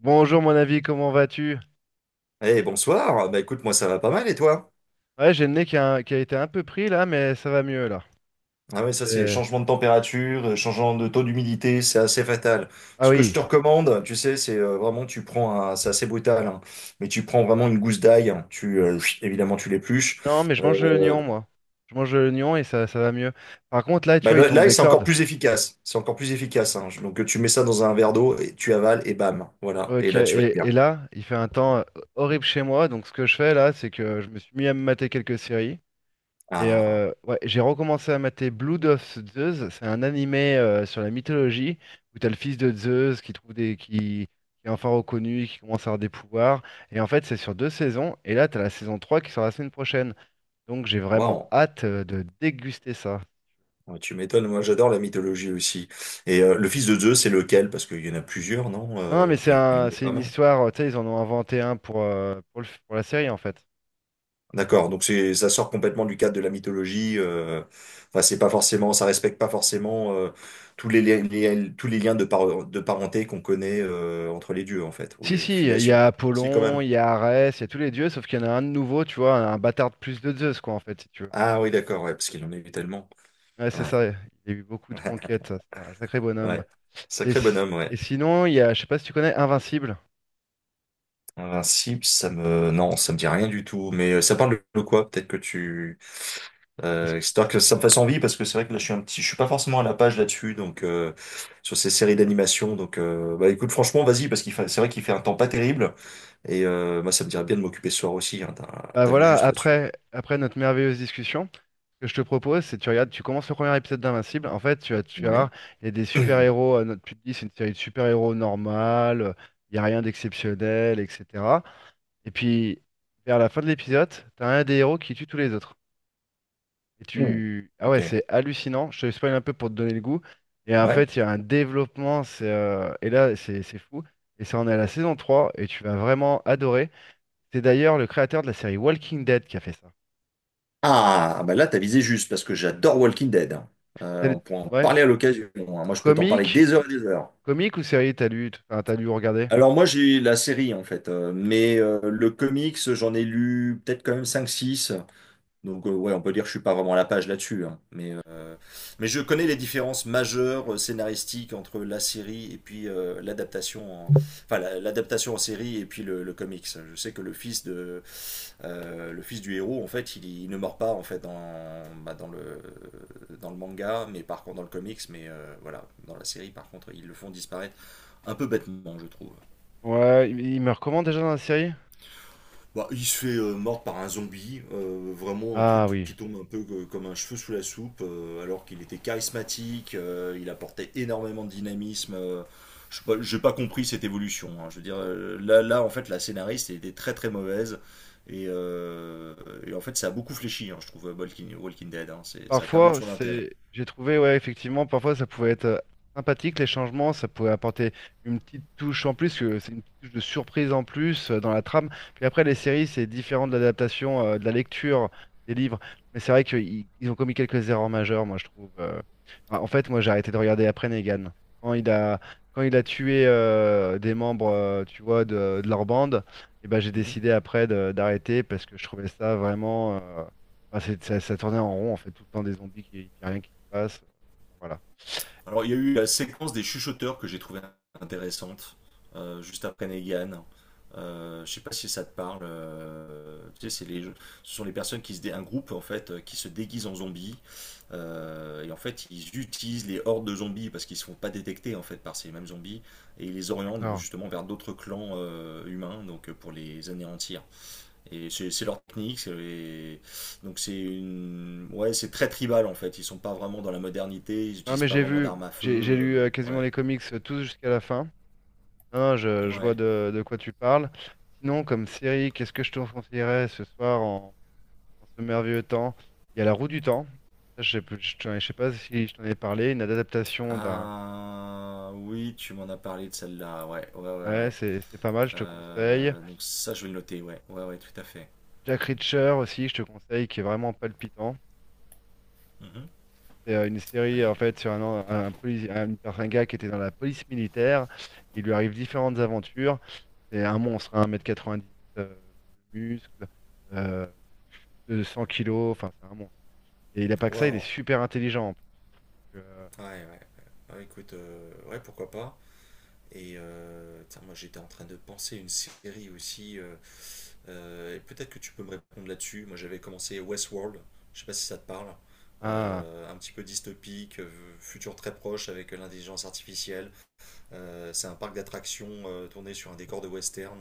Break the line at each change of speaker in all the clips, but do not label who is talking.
Bonjour mon ami, comment vas-tu?
Eh bonsoir, bah écoute moi ça va pas mal et toi?
Ouais, j'ai le nez qui a été un peu pris là, mais ça va mieux là.
Ah oui, ça c'est les
C'était-
changements de température, changement de taux d'humidité, c'est assez fatal.
Ah
Ce que je
oui.
te recommande, tu sais, c'est vraiment tu prends un, c'est assez brutal, hein, mais tu prends vraiment une gousse d'ail, hein, tu chut, évidemment tu l'épluches.
Non, mais je mange de l'oignon
Euh,
moi. Je mange de l'oignon et ça va mieux. Par contre là, tu
bah,
vois, il
le-
tombe
l'ail
des
c'est encore
cordes.
plus efficace, c'est encore plus efficace, hein. Donc tu mets ça dans un verre d'eau et tu avales et bam, voilà. Et
Ok,
là tu vas être bien.
et là, il fait un temps horrible chez moi, donc ce que je fais là, c'est que je me suis mis à me mater quelques séries. Et
Ah,
ouais, j'ai recommencé à mater Blood of Zeus. C'est un animé sur la mythologie où t'as le fils de Zeus qui est enfin reconnu, qui commence à avoir des pouvoirs. Et en fait, c'est sur deux saisons. Et là, t'as la saison 3 qui sort la semaine prochaine. Donc j'ai vraiment
waouh.
hâte de déguster ça.
Ouais, tu m'étonnes, moi j'adore la mythologie aussi. Et le fils de Zeus c'est lequel? Parce qu'il y en a plusieurs, non?
Non, mais
Euh,
c'est
enfin, il y en
un,
a
c'est
pas
une
mal.
histoire. Tu sais, ils en ont inventé un pour la série en fait.
D'accord, donc c'est ça sort complètement du cadre de la mythologie, enfin, c'est pas forcément, ça respecte pas forcément tous les, tous les liens de, de parenté qu'on connaît entre les dieux en fait, ou
Si,
les
si, il y
filiations.
a
Si quand
Apollon,
même.
il y a Arès, il y a tous les dieux, sauf qu'il y en a un de nouveau, tu vois, un bâtard de plus de Zeus, quoi, en fait, si tu veux.
Ah oui, d'accord, ouais, parce qu'il en a eu tellement.
Ouais, c'est
Ouais,
ça, il a eu beaucoup de conquêtes, ça, c'est un sacré bonhomme.
ouais.
Et,
Sacré
si-
bonhomme, ouais.
et sinon, il y a, je sais pas si tu connais Invincible.
Invincible, ça me... Non, ça me dit rien du tout. Mais ça parle de quoi? Peut-être que tu...
Parce que-
Histoire que ça me fasse envie, parce que c'est vrai que là, je suis un petit... Je suis pas forcément à la page là-dessus, donc... sur ces séries d'animation. Donc, bah, écoute, franchement, vas-y, parce qu'il fait... c'est vrai qu'il fait un temps pas terrible. Et moi, ça me dirait bien de m'occuper ce soir aussi, hein, t'as...
Bah
t'as vu
voilà,
juste là-dessus.
après notre merveilleuse discussion, ce que je te propose, c'est tu regardes, tu commences le premier épisode d'Invincible. En fait, tu vas voir,
Ouais.
il y a des super-héros, tu te dis, c'est une série de super-héros normale, il n'y a rien d'exceptionnel, etc. Et puis, vers la fin de l'épisode, tu as un des héros qui tue tous les autres.
Ouh,
Ah
ok.
ouais, c'est hallucinant. Je te spoil un peu pour te donner le goût. Et en
Ouais.
fait, il y a un développement. Et là, c'est fou. Et ça en est à la saison trois. Et tu vas vraiment adorer. C'est d'ailleurs le créateur de la série Walking Dead qui a fait ça.
Ah, bah là, t'as visé juste, parce que j'adore Walking Dead, hein. Euh,
T'as
on
lu-
pourra en
Ouais.
parler à l'occasion, hein. Moi, je peux t'en parler
Comique?
des heures et des heures.
Comique ou série, enfin, t'as lu ou regardé?
Alors moi j'ai la série en fait, mais le comics j'en ai lu peut-être quand même cinq six, donc ouais on peut dire que je suis pas vraiment à la page là-dessus, hein. Mais, mais je connais les différences majeures scénaristiques entre la série et puis l'adaptation en... enfin l'adaptation en série et puis le comics. Je sais que le fils du héros en fait il ne meurt pas en fait dans, bah, dans le manga, mais par contre dans le comics, mais voilà dans la série par contre ils le font disparaître un peu bêtement je trouve.
Ouais, il me recommande déjà dans la série?
Bah, il se fait mordre par un zombie, vraiment un truc
Ah oui.
qui tombe un peu comme un cheveu sous la soupe, alors qu'il était charismatique, il apportait énormément de dynamisme. Je sais pas- j'ai pas compris cette évolution, hein. Je veux dire, en fait, la scénariste elle était très très mauvaise. Et, euh, et en fait, ça a beaucoup fléchi, hein, je trouve, Walking Dead. Hein. Ça a perdu de
Parfois,
son intérêt.
j'ai trouvé, ouais, effectivement, parfois ça pouvait être sympathique les changements, ça pouvait apporter une petite touche en plus, que c'est une petite touche de surprise en plus dans la trame. Puis après, les séries, c'est différent de l'adaptation, de la lecture des livres. Mais c'est vrai qu'ils ils ont commis quelques erreurs majeures, moi je trouve. Ah, en fait, moi j'ai arrêté de regarder après Negan. Quand il a, quand il a tué des membres, tu vois, de leur bande, et ben j'ai
Mhm.
décidé après d'arrêter parce que je trouvais ça vraiment. Enfin, c'est ça tournait en rond, en fait, tout le temps des zombies qui, puis rien qui se passe. Voilà.
Alors, il y a eu la séquence des chuchoteurs que j'ai trouvée intéressante, juste après Negan. Je sais pas si ça te parle, tu sais, ce sont les personnes qui un groupe en fait qui se déguise en zombies et en fait ils utilisent les hordes de zombies parce qu'ils se font pas détecter en fait par ces mêmes zombies et ils les orientent
D'accord.
justement vers d'autres clans humains donc pour les anéantir. Et c'est leur technique, donc c'est une... ouais, c'est très tribal en fait. Ils sont pas vraiment dans la modernité, ils
Non,
utilisent
mais
pas
j'ai
vraiment
vu,
d'armes à
j'ai
feu,
lu quasiment
ouais,
les comics tous jusqu'à la fin. Non, je vois
ouais.
de quoi tu parles. Sinon, comme série, qu'est-ce que je te conseillerais ce soir en ce merveilleux temps? Il y a La Roue du Temps. Ça, Je sais, plus- je, t'en- Je sais pas si je t'en ai parlé. Une adaptation d'un.
Ah oui, tu m'en as parlé de celle-là. Ouais, ouais, ouais,
Ouais,
ouais.
c'est pas mal, je te conseille.
Donc ça, je vais le noter. Ouais, ouais, ouais, tout à fait.
Jack Reacher aussi, je te conseille, qui est vraiment palpitant.
Mhm.
C'est une série
Ouais.
en fait sur un, an- un, polici- un gars qui était dans la police militaire. Il lui arrive différentes aventures. C'est un monstre, hein, 1m90 euh, de muscles, euh, de 100 kg, enfin c'est un monstre. Et il a pas que ça, il est
Waouh.
super intelligent en plus. Donc,
Ouais, ouais. Ouais, écoute, ouais, pourquoi pas. Et tiens, moi j'étais en train de penser une série aussi, et peut-être que tu peux me répondre là-dessus. Moi, j'avais commencé Westworld. Je sais pas si ça te parle.
ah,
Un petit peu dystopique, futur très proche avec l'intelligence artificielle. C'est un parc d'attractions tourné sur un décor de western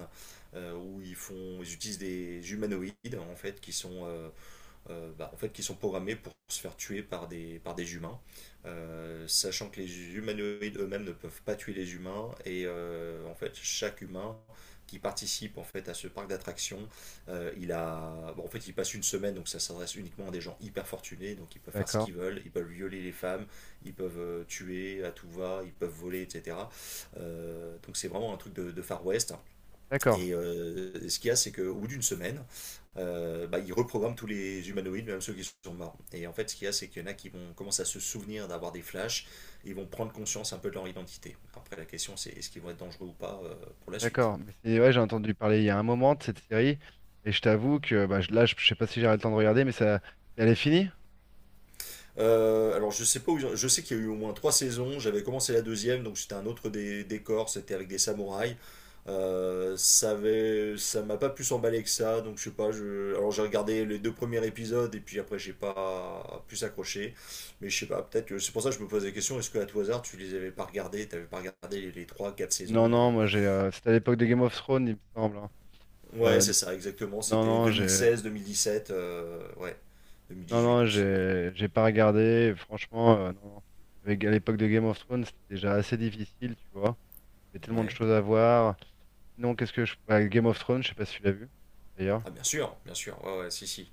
où ils font, ils utilisent des humanoïdes en fait qui sont bah, en fait, qui sont programmés pour se faire tuer par des humains, sachant que les humanoïdes eux-mêmes ne peuvent pas tuer les humains, et en fait, chaque humain qui participe en fait à ce parc d'attractions, il a, bon, en fait, il passe une semaine, donc ça s'adresse uniquement à des gens hyper fortunés, donc ils peuvent faire ce
d'accord,
qu'ils veulent, ils peuvent violer les femmes, ils peuvent tuer à tout va, ils peuvent voler, etc. Donc c'est vraiment un truc de Far West.
d'accord,
Et ce qu'il y a, c'est qu'au bout d'une semaine, bah, ils reprogramment tous les humanoïdes, même ceux qui sont morts. Et en fait, ce qu'il y a, c'est qu'il y en a qui vont commencer à se souvenir d'avoir des flashs, ils vont prendre conscience un peu de leur identité. Après, la question, c'est est-ce qu'ils vont être dangereux ou pas pour la suite.
d'accord. Mais ouais, j'ai entendu parler il y a un moment de cette série. Et je t'avoue que bah, là, je sais pas si j'aurai le temps de regarder, mais ça, elle est finie?
Alors je sais pas où je sais qu'il y a eu au moins trois saisons. J'avais commencé la deuxième, donc c'était un autre décor, c'était avec des samouraïs. Ça avait, ça m'a pas plus emballé que ça, donc je sais pas. Je, alors j'ai regardé les deux premiers épisodes et puis après j'ai pas plus accroché. Mais je sais pas, peut-être que c'est pour ça que je me posais la question. Est-ce que à tout hasard tu les avais pas regardés, t'avais pas regardé les trois, quatre saisons.
Non, non, moi c'était à l'époque de Game of Thrones, il me semble, hein.
Ouais,
Euh,
c'est ça, exactement.
Non,
C'était
non, j'ai
2016, 2017, ouais, deux mille
non,
dix huit
non,
aussi, ouais.
j'ai pas regardé. Franchement, non, non. À l'époque de Game of Thrones, c'était déjà assez difficile, tu vois. Il y avait tellement de
Ouais.
choses à voir. Sinon, qu'est-ce que je. Bah, Game of Thrones, je sais pas si tu l'as vu, d'ailleurs.
Ah bien sûr, ouais, ouais, si, si.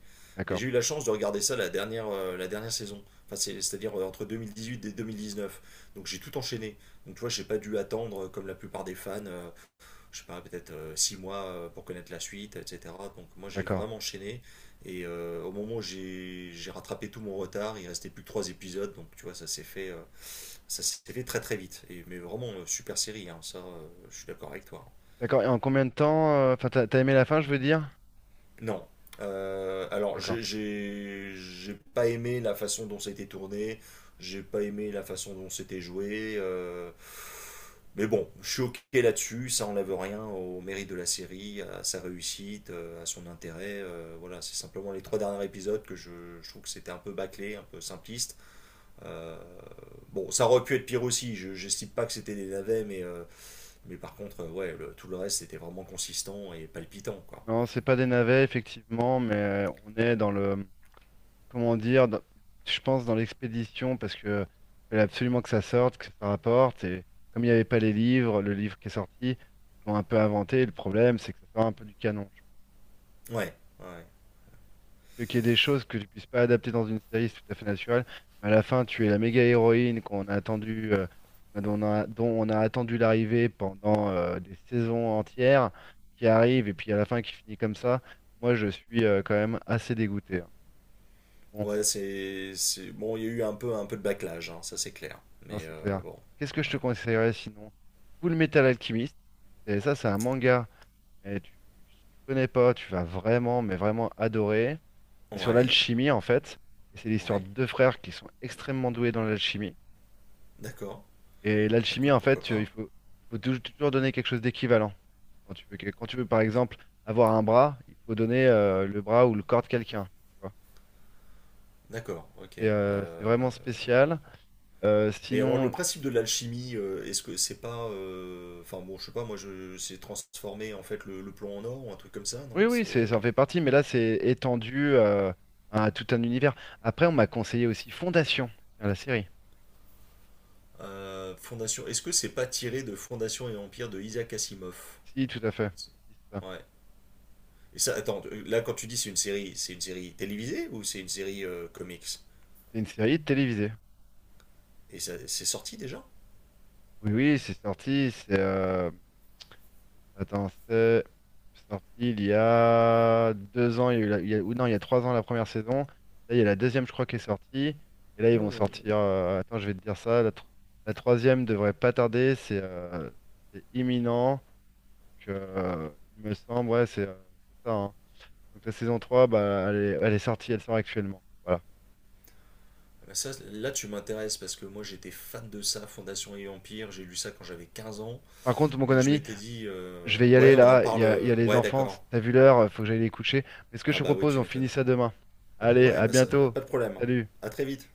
Et
D'accord,
j'ai eu la chance de regarder ça la dernière saison, enfin, c'est-à-dire entre huit et 2019. Donc j'ai tout enchaîné. Donc tu vois, j'ai pas dû attendre, comme la plupart des fans, je sais pas, peut-être 6 mois pour connaître la suite, etc. Donc moi j'ai
d'accord.
vraiment enchaîné. Et au moment où j'ai rattrapé tout mon retard, il restait plus que 3 épisodes. Donc tu vois, ça s'est fait très très vite. Et, mais vraiment, super série, hein, ça, je suis d'accord avec toi.
D'accord, et en combien de temps? Enfin, t'as aimé la fin, je veux dire?
Non. Alors,
D'accord.
j'ai pas aimé la façon dont ça a été tourné, j'ai pas aimé la façon dont c'était joué, mais bon, je suis ok là-dessus, ça enlève rien au mérite de la série, à sa réussite, à son intérêt, voilà, c'est simplement les trois derniers épisodes que je trouve que c'était un peu bâclé, un peu simpliste. Euh, bon, ça aurait pu être pire aussi, je j'estime pas que c'était des navets, mais par contre, ouais, tout le reste c'était vraiment consistant et palpitant, quoi.
Non, c'est pas des navets, effectivement, mais on est dans le, comment dire, je pense dans l'expédition, parce que il fallait absolument que ça sorte, que ça rapporte. Et comme il n'y avait pas les livres, le livre qui est sorti, ils ont un peu inventé. Le problème, c'est que ça sort un peu du canon. Je pense
Ouais, ouais.
que qu'il y ait des choses que tu puisses pas adapter dans une série, c'est tout à fait naturel. Mais à la fin, tu es la méga héroïne qu'on a attendu, dont on a attendu l'arrivée pendant des saisons entières, qui arrive et puis à la fin qui finit comme ça. Moi, je suis quand même assez dégoûté, hein. Bon,
Ouais, bon, il y a eu un peu de backlash, hein, ça c'est clair.
non,
Mais
c'est clair.
bon,
Qu'est-ce que je te
ouais.
conseillerais sinon? Full Metal Alchemist. Et ça, c'est un manga. Mais tu connais pas, tu vas vraiment, mais vraiment adorer. C'est sur
Ouais,
l'alchimie, en fait. Et c'est l'histoire
ouais,
de deux frères qui sont extrêmement doués dans l'alchimie.
d'accord.
Et l'alchimie,
Écoute,
en fait,
pourquoi
il
pas?
faut, il faut toujours donner quelque chose d'équivalent. Quand tu veux, par exemple, avoir un bras, il faut donner le bras ou le corps de quelqu'un. Tu vois.
D'accord, ok.
C'est
euh,
vraiment spécial. Euh,
mais alors, le
sinon,
principe de l'alchimie, est-ce que c'est pas... enfin bon, je sais pas, moi, je... c'est transformer en fait le plomb en or ou un truc comme ça, non?
oui, oui,
C'est...
ça en fait partie, mais là, c'est étendu à tout un univers. Après, on m'a conseillé aussi Fondation, tiens, la série.
Fondation... Est-ce que c'est pas tiré de Fondation et Empire de Isaac Asimov?
Si, tout à fait.
C'est-
Si, si, c'est ça.
Ouais. Et ça, attends, là, quand tu dis c'est une série télévisée ou c'est une série comics?
C'est une série télévisée.
Et c'est sorti déjà.
Oui, oui, c'est sorti. C'est attends, c'est sorti il y a 2 ans. Ou non, il y a 3 ans la première saison. Là, il y a la deuxième, je crois, qui est sortie. Et là, ils vont
Ouh.
sortir. Attends, je vais te dire ça. La troisième devrait pas tarder. C'est imminent. Donc, il me semble, ouais, c'est ça, hein. Donc la saison 3, bah, elle est sortie, elle sort actuellement. Voilà.
Ça, là, tu m'intéresses parce que moi j'étais fan de ça, Fondation et Empire. J'ai lu ça quand j'avais 15 ans
Par contre, mon
et je
ami,
m'étais dit,
je vais y
ouais,
aller
on en
là, il y
parle,
a, il y a les
ouais,
enfants,
d'accord.
t'as vu l'heure, faut que j'aille les coucher. Mais ce que je
Ah
te
bah oui,
propose,
tu
on finit
m'étonnes.
ça demain. Allez,
Ouais,
à
bah ça,
bientôt.
pas de problème.
Salut.
À très vite.